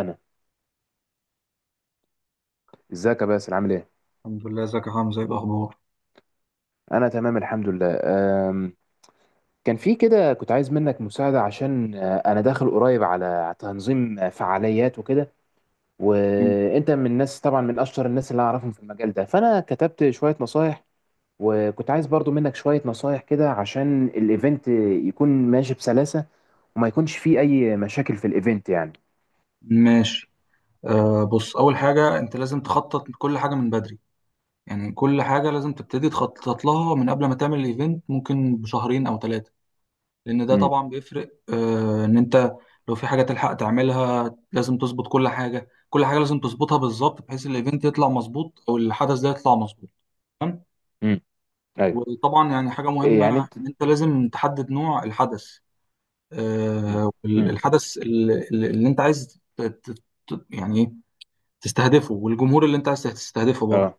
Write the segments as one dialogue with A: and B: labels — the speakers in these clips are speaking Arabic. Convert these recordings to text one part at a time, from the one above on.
A: انا ازيك يا باسل، عامل ايه؟
B: الحمد لله، ازيك يا حمزة؟ ايه الاخبار؟
A: انا تمام الحمد لله. أم، كان في كده، كنت عايز منك مساعده، عشان انا داخل قريب على تنظيم فعاليات وكده،
B: مم.
A: وانت من الناس طبعا، من اشطر الناس اللي اعرفهم في المجال ده، فانا كتبت شويه نصايح. وكنت عايز برضو منك شويه نصايح كده، عشان الايفنت يكون ماشي بسلاسه، وما يكونش فيه اي مشاكل في الايفنت يعني.
B: ماشي. بص، اول حاجه انت لازم تخطط كل حاجه من بدري. يعني كل حاجه لازم تبتدي تخطط لها من قبل ما تعمل الايفنت، ممكن بشهرين او ثلاثه. لان ده
A: امم.
B: طبعا بيفرق، ان انت لو في حاجه تلحق تعملها، لازم تظبط كل حاجه، كل حاجه لازم تظبطها بالظبط، بحيث الايفنت يطلع مظبوط او الحدث ده يطلع مظبوط. تمام.
A: امم. ايوه.
B: وطبعا يعني حاجه
A: إيه يعني
B: مهمه،
A: انت؟
B: ان انت لازم تحدد نوع الحدث.
A: امم.
B: الحدث اللي انت عايز يعني ايه تستهدفه، والجمهور اللي انت عايز تستهدفه
A: امم.
B: برضه.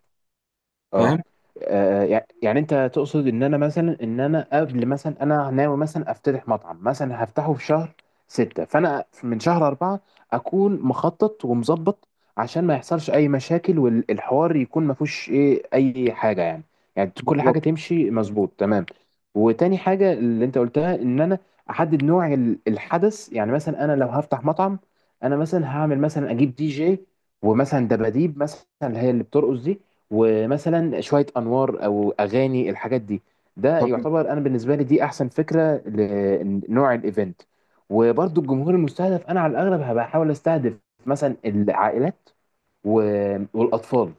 A: اه.
B: فاهم؟
A: يعني انت تقصد ان انا مثلا، ان انا قبل مثلا، انا ناوي مثلا افتتح مطعم، مثلا هفتحه في شهر 6، فانا من شهر 4 اكون مخطط ومظبط، عشان ما يحصلش اي مشاكل، والحوار يكون ما فيهوش اي حاجة يعني. يعني كل
B: بالظبط.
A: حاجة تمشي مظبوط تمام. وتاني حاجة اللي انت قلتها، ان انا احدد نوع الحدث. يعني مثلا انا لو هفتح مطعم، انا مثلا هعمل، مثلا اجيب دي جي، ومثلا دباديب مثلا اللي هي اللي بترقص دي، ومثلا شوية أنوار أو أغاني، الحاجات دي، ده
B: تمام.
A: يعتبر، أنا بالنسبة لي دي أحسن فكرة لنوع الإيفنت. وبرضو الجمهور المستهدف، أنا على الأغلب هبقى أحاول أستهدف مثلا العائلات والأطفال.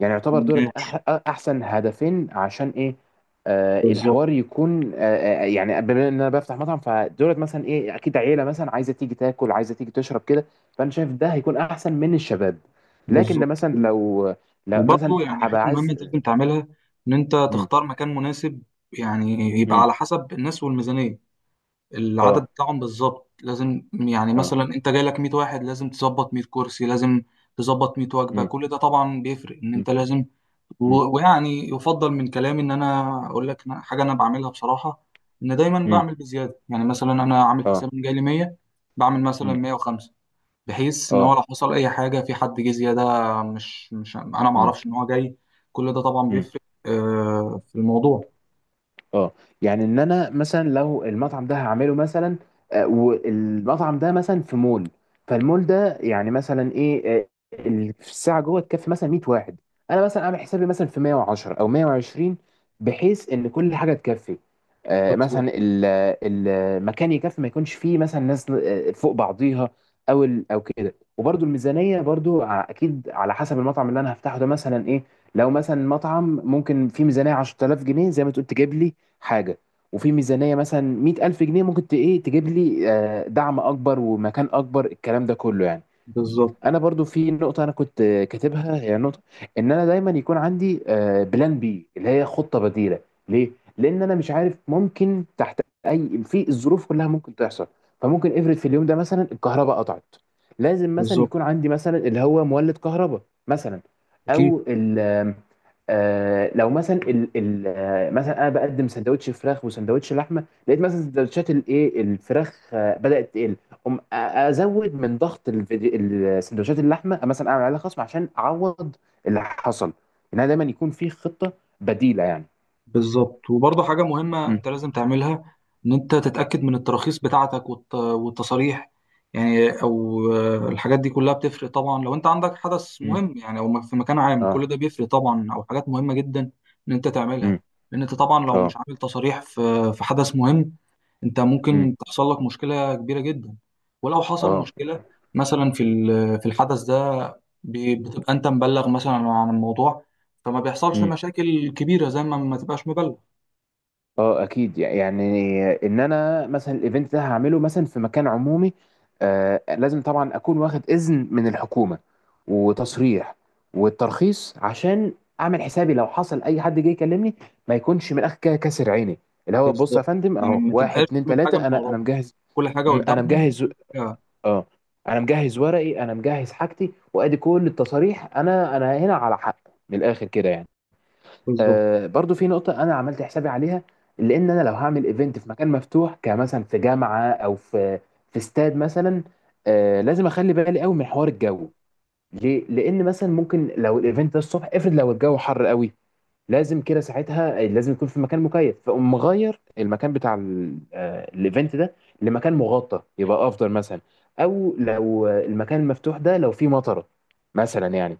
A: يعني يعتبر دولت
B: ماشي.
A: احسن هدفين، عشان ايه، آه
B: بالظبط.
A: الحوار يكون آه. يعني بما ان انا بفتح مطعم، فدولت مثلا اكيد عيله، مثلا عايزه تيجي تاكل، عايزه تيجي تشرب كده، فانا شايف ده هيكون احسن من الشباب. لكن ده
B: بالظبط.
A: مثلا لو مثلا
B: وبرضه يعني حاجه
A: هبقى
B: مهمه انت
A: عايز.
B: لازم تعملها، ان انت
A: مم،
B: تختار مكان مناسب. يعني، يبقى
A: مم،
B: على حسب الناس والميزانيه، العدد
A: اه.
B: بتاعهم بالظبط. لازم يعني
A: اه.
B: مثلا انت جاي لك 100 واحد، لازم تظبط 100 كرسي، لازم تظبط 100 وجبه.
A: مم،
B: كل ده طبعا بيفرق ان
A: مم،
B: انت لازم.
A: مم،
B: ويعني يفضل من كلامي ان انا اقول لك، حاجه انا بعملها بصراحه. ان دايما
A: مم،
B: بعمل بزياده، يعني مثلا انا عامل
A: اه.
B: حساب ان جاي لي 100، بعمل مثلا
A: مم،
B: 105، بحيث ان هو
A: اه.
B: لو حصل اي حاجه في حد جه زياده، مش انا ما
A: مم،
B: اعرفش ان هو جاي. كل ده طبعا
A: مم.
B: بيفرق في الموضوع.
A: اه. يعني ان انا مثلا لو المطعم ده هعمله مثلا، والمطعم ده مثلا في مول، فالمول ده يعني مثلا ايه آه، في الساعه جوه تكفي مثلا 100 واحد، انا مثلا عامل حسابي مثلا في 110 او 120، بحيث ان كل حاجه تكفي،
B: بالظبط.
A: مثلا المكان يكفي، ما يكونش فيه مثلا ناس فوق بعضيها، او او كده. وبرده الميزانيه برده، اكيد على حسب المطعم اللي انا هفتحه ده مثلا ايه، لو مثلا مطعم ممكن فيه ميزانيه 10000 جنيه زي ما تقول، تجيب لي حاجة. وفي ميزانية مثلا 100000 جنيه ممكن إيه تجيب لي دعم أكبر ومكان أكبر، الكلام ده كله يعني.
B: بالظبط.
A: انا برضو في نقطه انا كنت كاتبها، هي نقطه ان انا دايما يكون عندي بلان بي، اللي هي خطه بديله. ليه؟ لان انا مش عارف، ممكن تحت اي في الظروف كلها ممكن تحصل. فممكن افرض في اليوم ده مثلا الكهرباء قطعت، لازم مثلا
B: بالظبط.
A: يكون عندي مثلا اللي هو مولد كهرباء مثلا.
B: اكيد.
A: او ال آم، آه، لو مثلا ال ال آه، مثلا انا بقدم سندوتش فراخ وسندوتش لحمه، لقيت مثلا سندوتشات الفراخ بدات تقل، ازود من ضغط الفيديو، السندوتشات اللحمه مثلا اعمل عليها خصم عشان اعوض اللي حصل، انها دايما يكون في خطه بديله يعني.
B: بالظبط. وبرضه حاجة مهمة
A: مم.
B: انت لازم تعملها، ان انت تتأكد من التراخيص بتاعتك والتصاريح. يعني او الحاجات دي كلها بتفرق طبعا لو انت عندك حدث
A: مم.
B: مهم، يعني او في مكان عام،
A: اه.
B: كل ده بيفرق طبعا، او حاجات مهمة جدا ان انت تعملها.
A: امم.
B: لان انت طبعا لو مش
A: اه.
B: عامل تصاريح في حدث مهم، انت
A: امم.
B: ممكن تحصل لك مشكله كبيره جدا. ولو حصل
A: اه.
B: مشكله، مثلا في الحدث ده، بتبقى انت مبلغ مثلا عن الموضوع، فما بيحصلش مشاكل كبيره زي ما تبقاش مبلغ.
A: اه. اكيد، يعني ان انا مثلا الايفنت ده هعمله مثلا في مكان عمومي، آه لازم طبعا اكون واخد اذن من الحكومه وتصريح والترخيص، عشان اعمل حسابي لو حصل اي حد جه يكلمني، ما يكونش من الاخر كده كاسر عيني، اللي هو بص يا
B: بالظبط.
A: فندم
B: يعني
A: اهو،
B: ما
A: واحد
B: تبقاش
A: اتنين
B: تعمل حاجه من
A: تلاته، انا
B: وراهم،
A: مجهز.
B: كل حاجه
A: انا
B: قدامهم
A: مجهز.
B: وكل حاجه.
A: اه. انا مجهز ورقي، انا مجهز حاجتي، وادي كل التصاريح، انا هنا على حق، من الاخر كده يعني.
B: بالظبط.
A: برضو في نقطة أنا عملت حسابي عليها، لأن أنا لو هعمل إيفنت في مكان مفتوح، كمثلا في جامعة أو في استاد مثلا، لازم أخلي بالي قوي من حوار الجو. ليه؟ لأن مثلا ممكن لو الإيفنت ده الصبح، افرض لو الجو حر قوي، لازم كده ساعتها لازم يكون في مكان مكيف، فأقوم مغير المكان بتاع الإيفنت ده لمكان مغطى، يبقى أفضل مثلا. أو لو المكان المفتوح ده لو فيه مطرة مثلا يعني.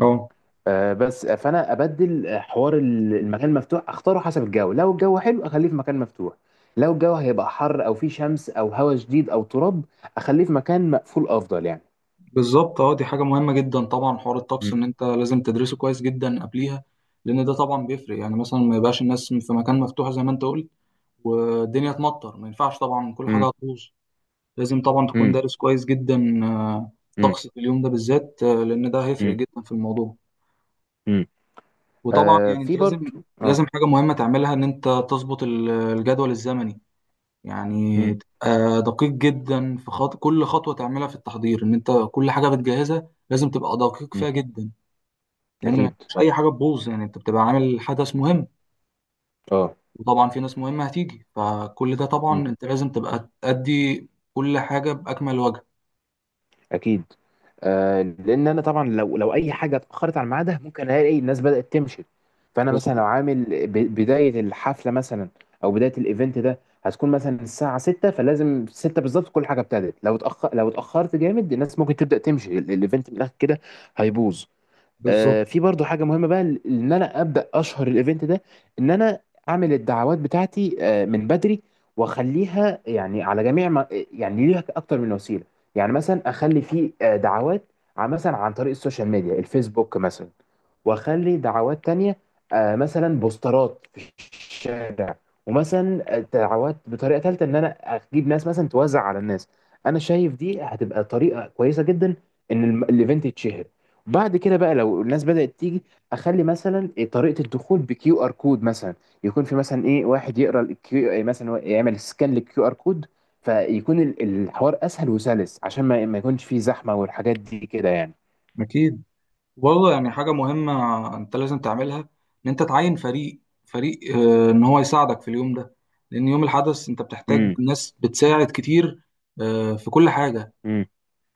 B: اه.
A: آه، بس آه، فانا ابدل حوار المكان المفتوح، اختاره حسب الجو، لو الجو حلو اخليه في مكان مفتوح، لو الجو هيبقى حر او فيه شمس او هواء شديد او تراب، اخليه في مكان مقفول افضل يعني.
B: بالظبط. اه، دي حاجه مهمه جدا طبعا، حوار الطقس
A: مم.
B: ان انت لازم تدرسه كويس جدا قبليها. لان ده طبعا بيفرق، يعني مثلا ما يبقاش الناس في مكان مفتوح زي ما انت قلت والدنيا تمطر، ما ينفعش طبعا، كل حاجه
A: مم.
B: هتبوظ. لازم طبعا تكون
A: مم.
B: دارس كويس جدا
A: مم.
B: طقس في اليوم ده بالذات، لان ده هيفرق
A: مم.
B: جدا في الموضوع.
A: مم.
B: وطبعا
A: آه
B: يعني انت
A: في
B: لازم
A: برضو. اه.
B: لازم حاجه مهمه تعملها، ان انت تظبط الجدول الزمني. يعني
A: مم.
B: تبقى دقيق جدا في كل خطوه تعملها في التحضير، ان انت كل حاجه بتجهزها لازم تبقى دقيق
A: مم.
B: فيها جدا. لان ما
A: اكيد.
B: فيش اي حاجه تبوظ، يعني انت بتبقى عامل حدث مهم،
A: اه.
B: وطبعا في ناس مهمه هتيجي، فكل ده طبعا انت لازم تبقى تأدي كل حاجه باكمل وجه.
A: اكيد. آه لان انا طبعا لو اي حاجه اتاخرت عن ميعادها، ممكن الاقي الناس بدات تمشي. فانا مثلا لو
B: بالظبط.
A: عامل بدايه الحفله مثلا، او بدايه الايفنت ده، هتكون مثلا الساعه 6، فلازم 6 بالظبط كل حاجه ابتدت، لو اتاخر لو اتاخرت جامد الناس ممكن تبدا تمشي، الايفنت من الاخر كده هيبوظ.
B: بالظبط.
A: في برضو حاجه مهمه بقى، ان انا ابدا اشهر الايفنت ده، ان انا اعمل الدعوات بتاعتي من بدري، واخليها يعني على جميع ما، يعني ليها اكتر من وسيله. يعني مثلا اخلي في دعوات مثلا عن طريق السوشيال ميديا، الفيسبوك مثلا، واخلي دعوات تانية مثلا بوسترات في الشارع، ومثلا دعوات بطريقه ثالثه، ان انا اجيب ناس مثلا توزع على الناس. انا شايف دي هتبقى طريقه كويسه جدا، ان الايفنت يتشهر. بعد كده بقى لو الناس بدأت تيجي، اخلي مثلا إيه طريقة الدخول بكيو ار كود مثلا، يكون في مثلا ايه واحد يقرا الكيو إيه مثلا، هو يعمل سكان للكيو ار كود، فيكون الحوار اسهل وسلس، عشان ما يكونش فيه زحمة، والحاجات دي كده يعني.
B: أكيد. وبرضه يعني حاجة مهمة أنت لازم تعملها، إن أنت تعين فريق إن هو يساعدك في اليوم ده. لأن يوم الحدث أنت بتحتاج
A: امم.
B: ناس بتساعد كتير في كل حاجة.
A: امم.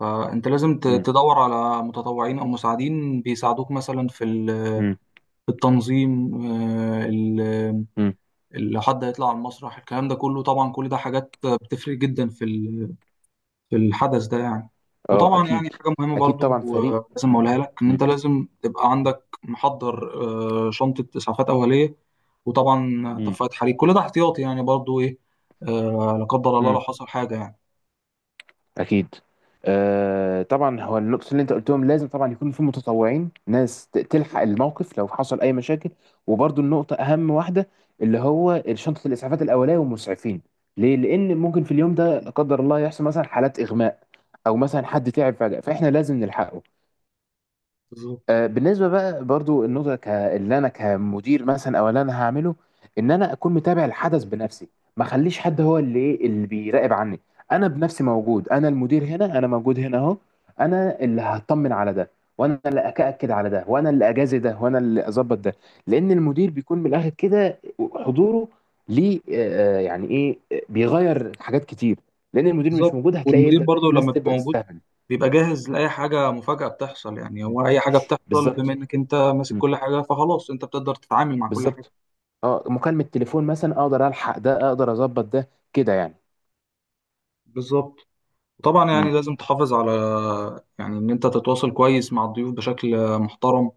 B: فأنت لازم
A: امم.
B: تدور على متطوعين أو مساعدين بيساعدوك، مثلا
A: امم.
B: في التنظيم،
A: أمم.
B: لو حد هيطلع على المسرح، الكلام ده كله طبعا، كل ده حاجات بتفرق جدا في الحدث ده يعني.
A: اه.
B: وطبعا يعني
A: اكيد.
B: حاجة مهمة
A: اكيد
B: برضو،
A: طبعا فريق.
B: لازم أقولها لك، إن
A: امم.
B: أنت لازم تبقى عندك محضر، شنطة إسعافات أولية، وطبعا
A: امم.
B: طفاية حريق، كل ده احتياطي يعني برضو إيه، لا قدر الله لو
A: امم.
B: حصل حاجة يعني.
A: اكيد. آه طبعا هو النقطه اللي انت قلتهم، لازم طبعا يكون في متطوعين، ناس تلحق الموقف لو حصل اي مشاكل. وبرضو النقطه اهم واحده، اللي هو شنطه الاسعافات الاوليه والمسعفين. ليه؟ لان ممكن في اليوم ده لا قدر الله يحصل مثلا حالات اغماء، او مثلا حد تعب فجاه، فاحنا لازم نلحقه.
B: بالظبط.
A: بالنسبه بقى برضو النقطه اللي انا كمدير مثلا، او اللي انا هعمله، ان انا اكون متابع الحدث بنفسي، ما اخليش حد هو اللي اللي بيراقب عني. انا بنفسي موجود، انا المدير هنا، انا موجود هنا اهو، انا اللي هطمن على ده، وانا اللي اكأكد على ده، وانا اللي اجازي ده، وانا اللي اظبط ده. لان المدير بيكون من الاخر كده حضوره، ليه؟ آه، آه، يعني ايه آه، بيغير حاجات كتير. لان المدير مش
B: بالظبط.
A: موجود، هتلاقي
B: والمدير
A: يبدأ بقى
B: برضو لما
A: الناس
B: بيبقى
A: تبدأ
B: موجود،
A: تستهبل.
B: بيبقى جاهز لأي حاجة مفاجأة بتحصل، يعني هو أي حاجة بتحصل بما
A: بالظبط.
B: إنك أنت ماسك
A: مم.
B: كل حاجة، فخلاص أنت بتقدر تتعامل مع كل حاجة.
A: بالظبط. اه مكالمة تليفون مثلا، اقدر الحق ده، اقدر اظبط ده كده يعني.
B: بالظبط. طبعا
A: امم.
B: يعني لازم تحافظ على، يعني إن أنت تتواصل كويس مع الضيوف بشكل محترم.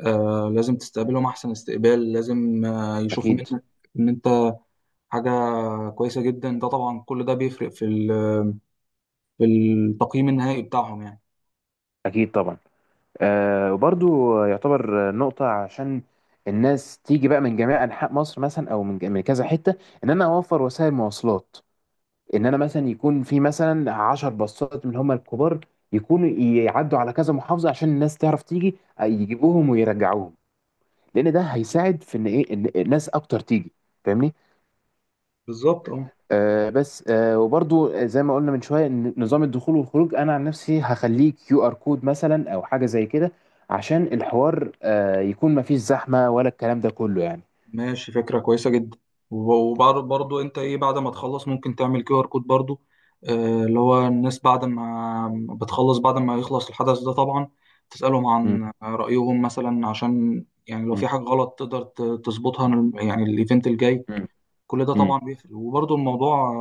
B: لازم تستقبلهم أحسن استقبال، لازم يشوفوا
A: اكيد.
B: منك إن أنت حاجة كويسة جدا، ده طبعا كل ده بيفرق في التقييم النهائي بتاعهم يعني.
A: اكيد طبعا. آه وبرضو يعتبر نقطة، عشان الناس تيجي بقى من جميع انحاء مصر مثلا، او من من كذا حتة، ان انا اوفر وسائل مواصلات. ان انا مثلا يكون في مثلا 10 باصات من هم الكبار، يكونوا يعدوا على كذا محافظة، عشان الناس تعرف تيجي، يجيبوهم ويرجعوهم، لان ده هيساعد في ان ان الناس اكتر تيجي. فاهمني؟
B: بالظبط. اه.
A: آه بس آه وبرضو زي ما قلنا من شويه، إن نظام الدخول والخروج انا عن نفسي هخليه كيو ار كود مثلا، او حاجه زي كده، عشان الحوار يكون مفيش زحمه، ولا الكلام ده كله يعني.
B: ماشي، فكرة كويسة جدا. وبعد برضو أنت إيه، بعد ما تخلص ممكن تعمل كيو آر كود برضو. اللي هو الناس بعد ما يخلص الحدث ده طبعا، تسألهم
A: مم.
B: عن رأيهم مثلا، عشان يعني لو في
A: مم.
B: حاجة غلط تقدر تظبطها، يعني الإيفنت الجاي.
A: مم.
B: كل ده
A: مم.
B: طبعا بيفرق، وبرضو الموضوع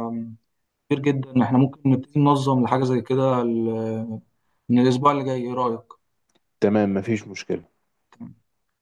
B: كتير جدا. احنا ممكن نبتدي ننظم لحاجة زي كده من الأسبوع اللي جاي. ايه رأيك؟
A: تمام، مفيش مشكله.